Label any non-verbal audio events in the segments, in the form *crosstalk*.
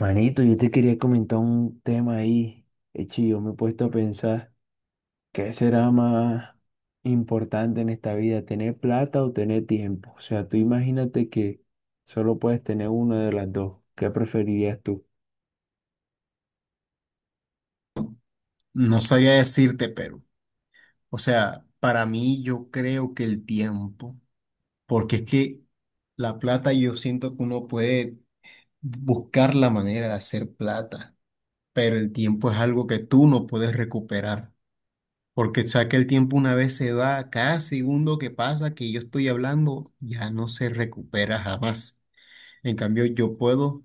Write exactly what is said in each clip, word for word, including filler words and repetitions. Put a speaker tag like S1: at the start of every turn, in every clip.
S1: Manito, yo te quería comentar un tema ahí. Hecho, yo me he puesto a pensar, ¿qué será más importante en esta vida, tener plata o tener tiempo? O sea, tú imagínate que solo puedes tener una de las dos. ¿Qué preferirías tú?
S2: No sabría decirte, pero, o sea, para mí yo creo que el tiempo, porque es que la plata yo siento que uno puede buscar la manera de hacer plata, pero el tiempo es algo que tú no puedes recuperar, porque o sea que el tiempo una vez se va, cada segundo que pasa que yo estoy hablando ya no se recupera jamás. En cambio, yo puedo,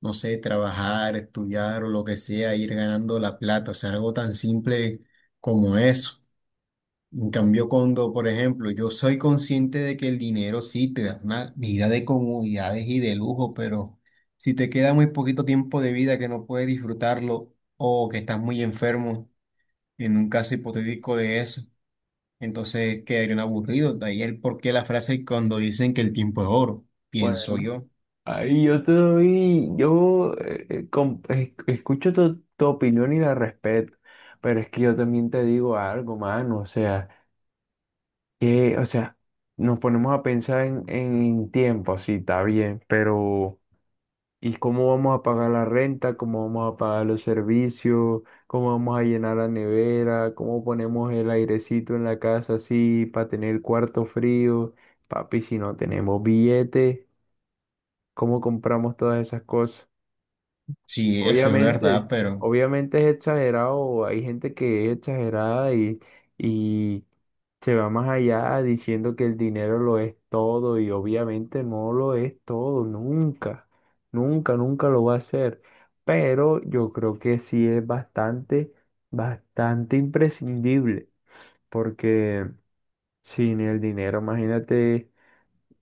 S2: no sé, trabajar, estudiar o lo que sea, ir ganando la plata, o sea, algo tan simple como eso. En cambio, cuando, por ejemplo, yo soy consciente de que el dinero sí te da una vida de comodidades y de lujo, pero si te queda muy poquito tiempo de vida que no puedes disfrutarlo o que estás muy enfermo, en un caso hipotético de eso, entonces quedarían aburridos. De ahí el porqué la frase cuando dicen que el tiempo es oro,
S1: Pues
S2: pienso yo.
S1: ahí yo te doy, yo eh, eh, com- es- escucho tu, tu opinión y la respeto, pero es que yo también te digo algo, mano, o sea, que, o sea, nos ponemos a pensar en, en tiempo, sí, está bien, pero ¿y cómo vamos a pagar la renta? ¿Cómo vamos a pagar los servicios? ¿Cómo vamos a llenar la nevera? ¿Cómo ponemos el airecito en la casa así para tener cuarto frío? Papi, si no tenemos billete, ¿cómo compramos todas esas cosas?
S2: Sí, eso es verdad,
S1: Obviamente,
S2: pero
S1: obviamente es exagerado, hay gente que es exagerada y, y se va más allá diciendo que el dinero lo es todo y obviamente no lo es todo, nunca, nunca, nunca lo va a ser. Pero yo creo que sí es bastante, bastante imprescindible porque sin el dinero, imagínate,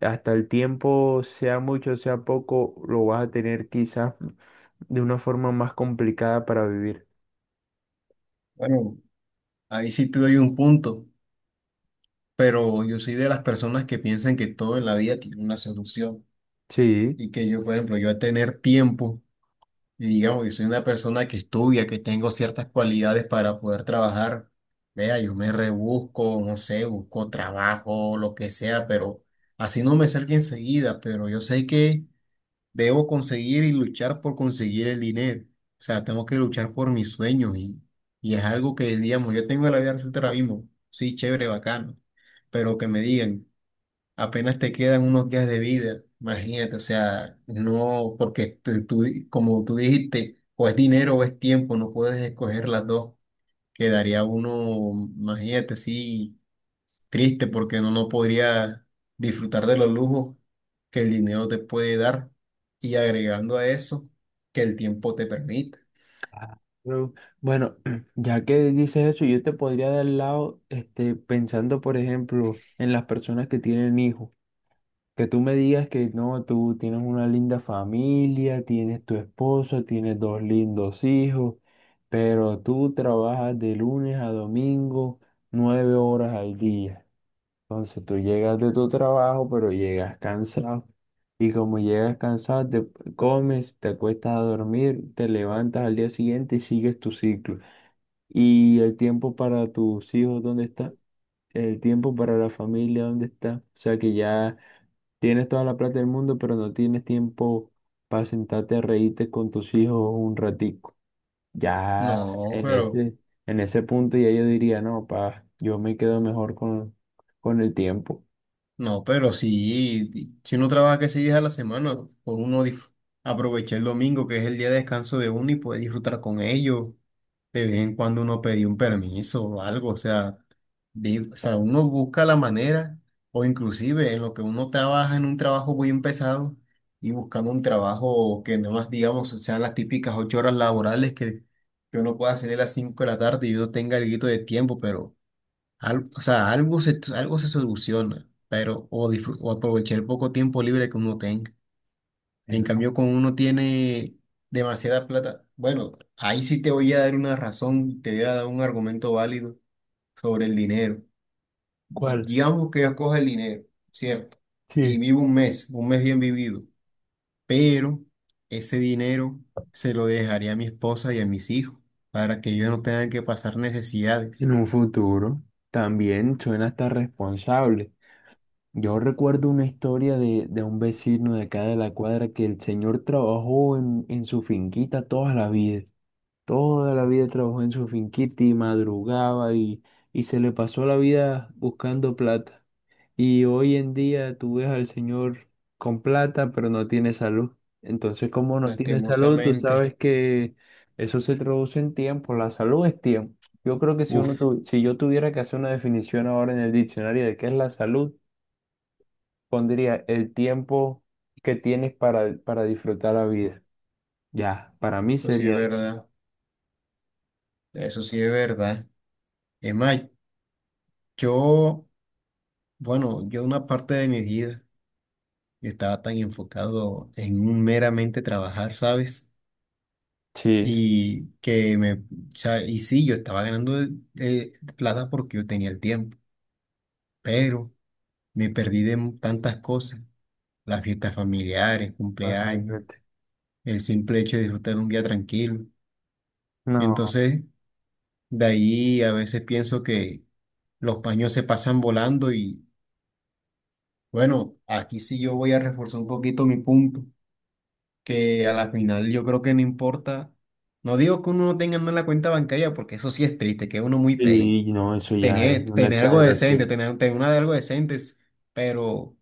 S1: hasta el tiempo, sea mucho, sea poco, lo vas a tener quizás de una forma más complicada para vivir.
S2: bueno, ahí sí te doy un punto, pero yo soy de las personas que piensan que todo en la vida tiene una solución.
S1: Sí.
S2: Y que yo, por ejemplo, yo a tener tiempo, y digamos, yo soy una persona que estudia, que tengo ciertas cualidades para poder trabajar, vea, yo me rebusco, no sé, busco trabajo, lo que sea, pero así no me salga enseguida, pero yo sé que debo conseguir y luchar por conseguir el dinero. O sea, tengo que luchar por mis sueños y, y es algo que, digamos, yo tengo la vida ahora mismo, sí, chévere, bacano, pero que me digan apenas te quedan unos días de vida, imagínate, o sea, no, porque te- tú di- como tú dijiste, o es dinero o es tiempo, no puedes escoger las dos, quedaría uno, imagínate, sí, triste porque no, no podría disfrutar de los lujos que el dinero te puede dar y agregando a eso que el tiempo te permite.
S1: Claro. Bueno, *clears throat* ya que dices eso, yo te podría dar el lado, este, pensando, por ejemplo, en las personas que tienen hijos. Que tú me digas que no, tú tienes una linda familia, tienes tu esposo, tienes dos lindos hijos, pero tú trabajas de lunes a domingo, nueve horas al día. Entonces tú llegas de tu trabajo, pero llegas cansado. Y como llegas cansado, te comes, te acuestas a dormir, te levantas al día siguiente y sigues tu ciclo. ¿Y el tiempo para tus hijos dónde está? ¿El tiempo para la familia dónde está? O sea que ya tienes toda la plata del mundo, pero no tienes tiempo para sentarte a reírte con tus hijos un ratico. Ya
S2: No,
S1: en
S2: pero.
S1: ese, en ese punto ya yo diría, no, pa, yo me quedo mejor con, con el tiempo.
S2: No, pero sí, si uno trabaja que seis días a la semana, por uno dif- aprovecha el domingo, que es el día de descanso de uno, y puede disfrutar con ellos. De vez en cuando uno pedía un permiso o algo, o sea, di- o sea, uno busca la manera, o inclusive en lo que uno trabaja en un trabajo muy pesado y buscando un trabajo que nada más, digamos, sean las típicas ocho horas laborales que, que uno pueda salir a las cinco de la tarde y uno tenga algo de tiempo, pero. Al- o sea, algo se, algo se soluciona, pero o, disfru- o aprovechar el poco tiempo libre que uno tenga. En
S1: Bueno.
S2: cambio, cuando uno tiene demasiada plata, bueno, ahí sí te voy a dar una razón, te voy a dar un argumento válido sobre el dinero.
S1: ¿Cuál?
S2: Digamos que yo cojo el dinero, ¿cierto? Y
S1: Sí.
S2: vivo un mes, un mes bien vivido, pero ese dinero se lo dejaría a mi esposa y a mis hijos para que ellos no tengan que pasar
S1: En
S2: necesidades.
S1: un futuro también suena hasta responsable. Yo recuerdo una historia de, de un vecino de acá de la cuadra que el señor trabajó en, en su finquita toda la vida. Toda la vida trabajó en su finquita y madrugaba y, y se le pasó la vida buscando plata. Y hoy en día tú ves al señor con plata, pero no tiene salud. Entonces, como no tiene salud, tú
S2: Lastimosamente,
S1: sabes que eso se traduce en tiempo. La salud es tiempo. Yo creo que si uno
S2: uff,
S1: tu- si yo tuviera que hacer una definición ahora en el diccionario de qué es la salud, pondría el tiempo que tienes para, para disfrutar la vida. Ya, para mí
S2: eso sí es
S1: sería eso.
S2: verdad. Eso sí es verdad. Es más, yo, bueno, yo una parte de mi vida yo estaba tan enfocado en un meramente trabajar, ¿sabes?
S1: Sí,
S2: Y que me, o sea, y sí, yo estaba ganando eh, plata porque yo tenía el tiempo, pero me perdí de mu- tantas cosas, las fiestas familiares, cumpleaños,
S1: imagínate.
S2: el simple hecho de disfrutar un día tranquilo.
S1: No,
S2: Entonces, de ahí a veces pienso que los paños se pasan volando. Bueno, aquí sí yo voy a reforzar un poquito mi punto, que a la final yo creo que no importa, no digo que uno no tenga en la cuenta bancaria, porque eso sí es triste, que uno muy pay,
S1: y no, eso ya es
S2: tener,
S1: una
S2: tener algo decente,
S1: exageración.
S2: tener, tener una de algo decente, pero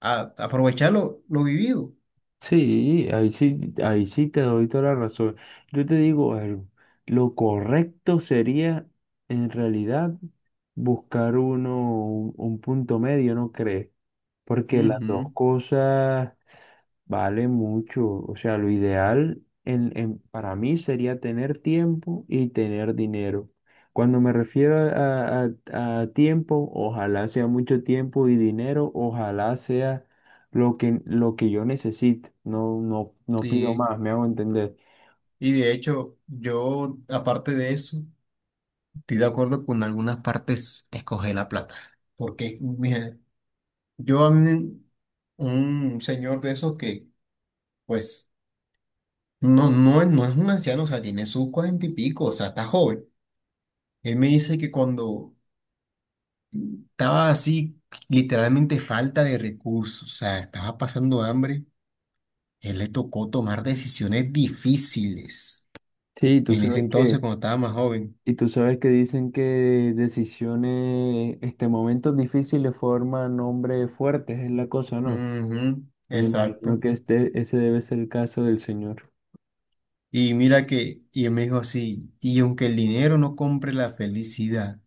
S2: a- aprovechar lo, lo vivido.
S1: Sí, ahí sí, ahí sí te doy toda la razón. Yo te digo algo, lo correcto sería en realidad buscar uno, un, un punto medio, ¿no crees? Porque las
S2: Ujú,
S1: dos cosas valen mucho. O sea, lo ideal en, en- para mí sería tener tiempo y tener dinero. Cuando me refiero a, a- a tiempo, ojalá sea mucho tiempo y dinero, ojalá sea lo que, lo que yo necesite. No, no, no pido
S2: sí,
S1: más, me hago entender.
S2: y de hecho yo, aparte de eso, estoy de acuerdo con algunas partes, escoger la plata, porque mira, yo a mí, un señor de esos que, pues, no, no, es- no es un anciano, o sea, tiene sus cuarenta y pico, o sea, está joven. Él me dice que cuando estaba así, literalmente falta de recursos, o sea, estaba pasando hambre, él le tocó tomar decisiones difíciles
S1: Sí, tú
S2: en ese
S1: sabes
S2: entonces
S1: que,
S2: cuando estaba más joven.
S1: y tú sabes que dicen que decisiones, este, momentos difíciles forman hombres fuertes, es la cosa, ¿no?
S2: Ujú,
S1: Me imagino
S2: exacto.
S1: que este, ese debe ser el caso del señor.
S2: Y mira que, y él me dijo así, y aunque el dinero no compre la felicidad,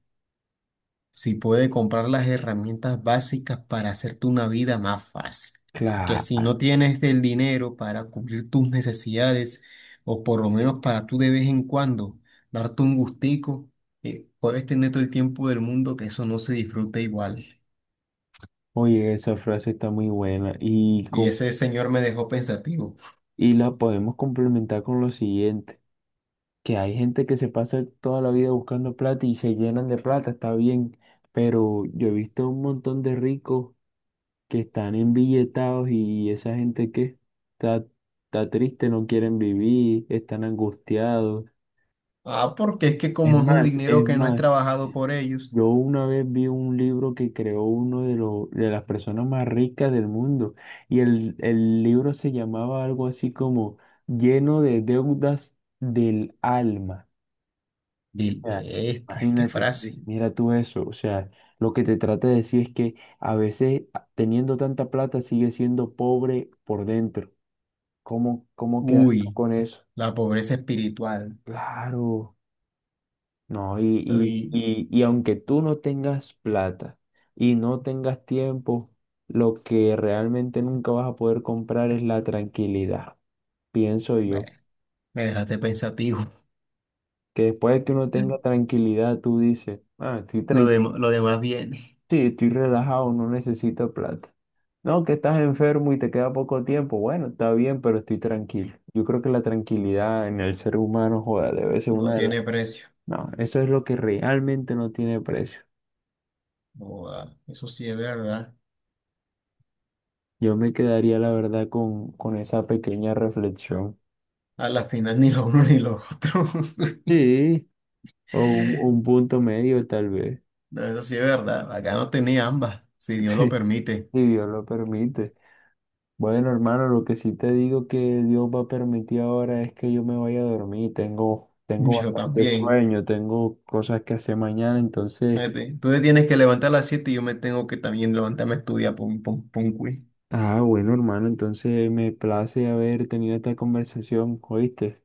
S2: si puede comprar las herramientas básicas para hacerte una vida más fácil. Que si
S1: Claro.
S2: no tienes el dinero para cubrir tus necesidades, o por lo menos para tú de vez en cuando darte un gustico, eh, puedes tener todo el tiempo del mundo que eso no se disfruta igual.
S1: Oye, esa frase está muy buena y,
S2: Y
S1: com-
S2: ese señor me dejó pensativo.
S1: y la podemos complementar con lo siguiente, que hay gente que se pasa toda la vida buscando plata y se llenan de plata, está bien, pero yo he visto un montón de ricos que están embilletados y esa gente que está, está triste, no quieren vivir, están angustiados.
S2: Ah, porque es que
S1: Es
S2: como es un
S1: más,
S2: dinero
S1: es
S2: que no es
S1: más.
S2: trabajado por ellos.
S1: Yo una vez vi un libro que creó uno de, los de las personas más ricas del mundo y el, el libro se llamaba algo así como Lleno de deudas del alma.
S2: Vil-
S1: O sea,
S2: bestia, qué
S1: imagínate,
S2: frase.
S1: mira tú eso. O sea, lo que te trata de decir es que a veces a- teniendo tanta plata sigue siendo pobre por dentro. ¿Cómo, cómo quedas tú
S2: Uy,
S1: con eso?
S2: la pobreza espiritual.
S1: Claro. No, y, y,
S2: Uy,
S1: y, y aunque tú no tengas plata y no tengas tiempo, lo que realmente nunca vas a poder comprar es la tranquilidad, pienso
S2: bueno,
S1: yo.
S2: me dejaste pensativo.
S1: Que después de que uno tenga tranquilidad, tú dices, ah, estoy
S2: Lo dem-
S1: tranquilo,
S2: lo demás viene.
S1: sí, estoy relajado, no necesito plata. No, que estás enfermo y te queda poco tiempo, bueno, está bien, pero estoy tranquilo. Yo creo que la tranquilidad en el ser humano, joda, debe ser
S2: No
S1: una de las...
S2: tiene precio.
S1: No, eso es lo que realmente no tiene precio.
S2: Joda, eso sí es verdad.
S1: Yo me quedaría, la verdad, con, con esa pequeña reflexión.
S2: A la final ni lo uno ni lo otro. *laughs*
S1: Sí, o un, un punto medio tal vez,
S2: No, eso sí es verdad. Acá no tenía ambas, si Dios
S1: *laughs*
S2: lo
S1: sí,
S2: permite.
S1: si Dios lo permite. Bueno, hermano, lo que sí te digo que Dios va a permitir ahora es que yo me vaya a dormir. Tengo, tengo
S2: Yo
S1: bastante
S2: también.
S1: sueño, tengo cosas que hacer mañana, entonces...
S2: Fíjate, tú te tienes que levantar a las siete y yo me tengo que también levantarme a estudiar pum, pum, pum, quiz.
S1: Ah, bueno, hermano, entonces me place haber tenido esta conversación, ¿oíste?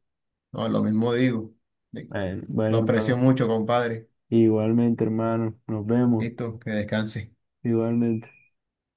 S2: No, lo mismo digo. De-
S1: Bueno, bueno,
S2: Lo aprecio
S1: hermano.
S2: mucho, compadre.
S1: Igualmente, hermano, nos vemos.
S2: Listo, que descanse.
S1: Igualmente.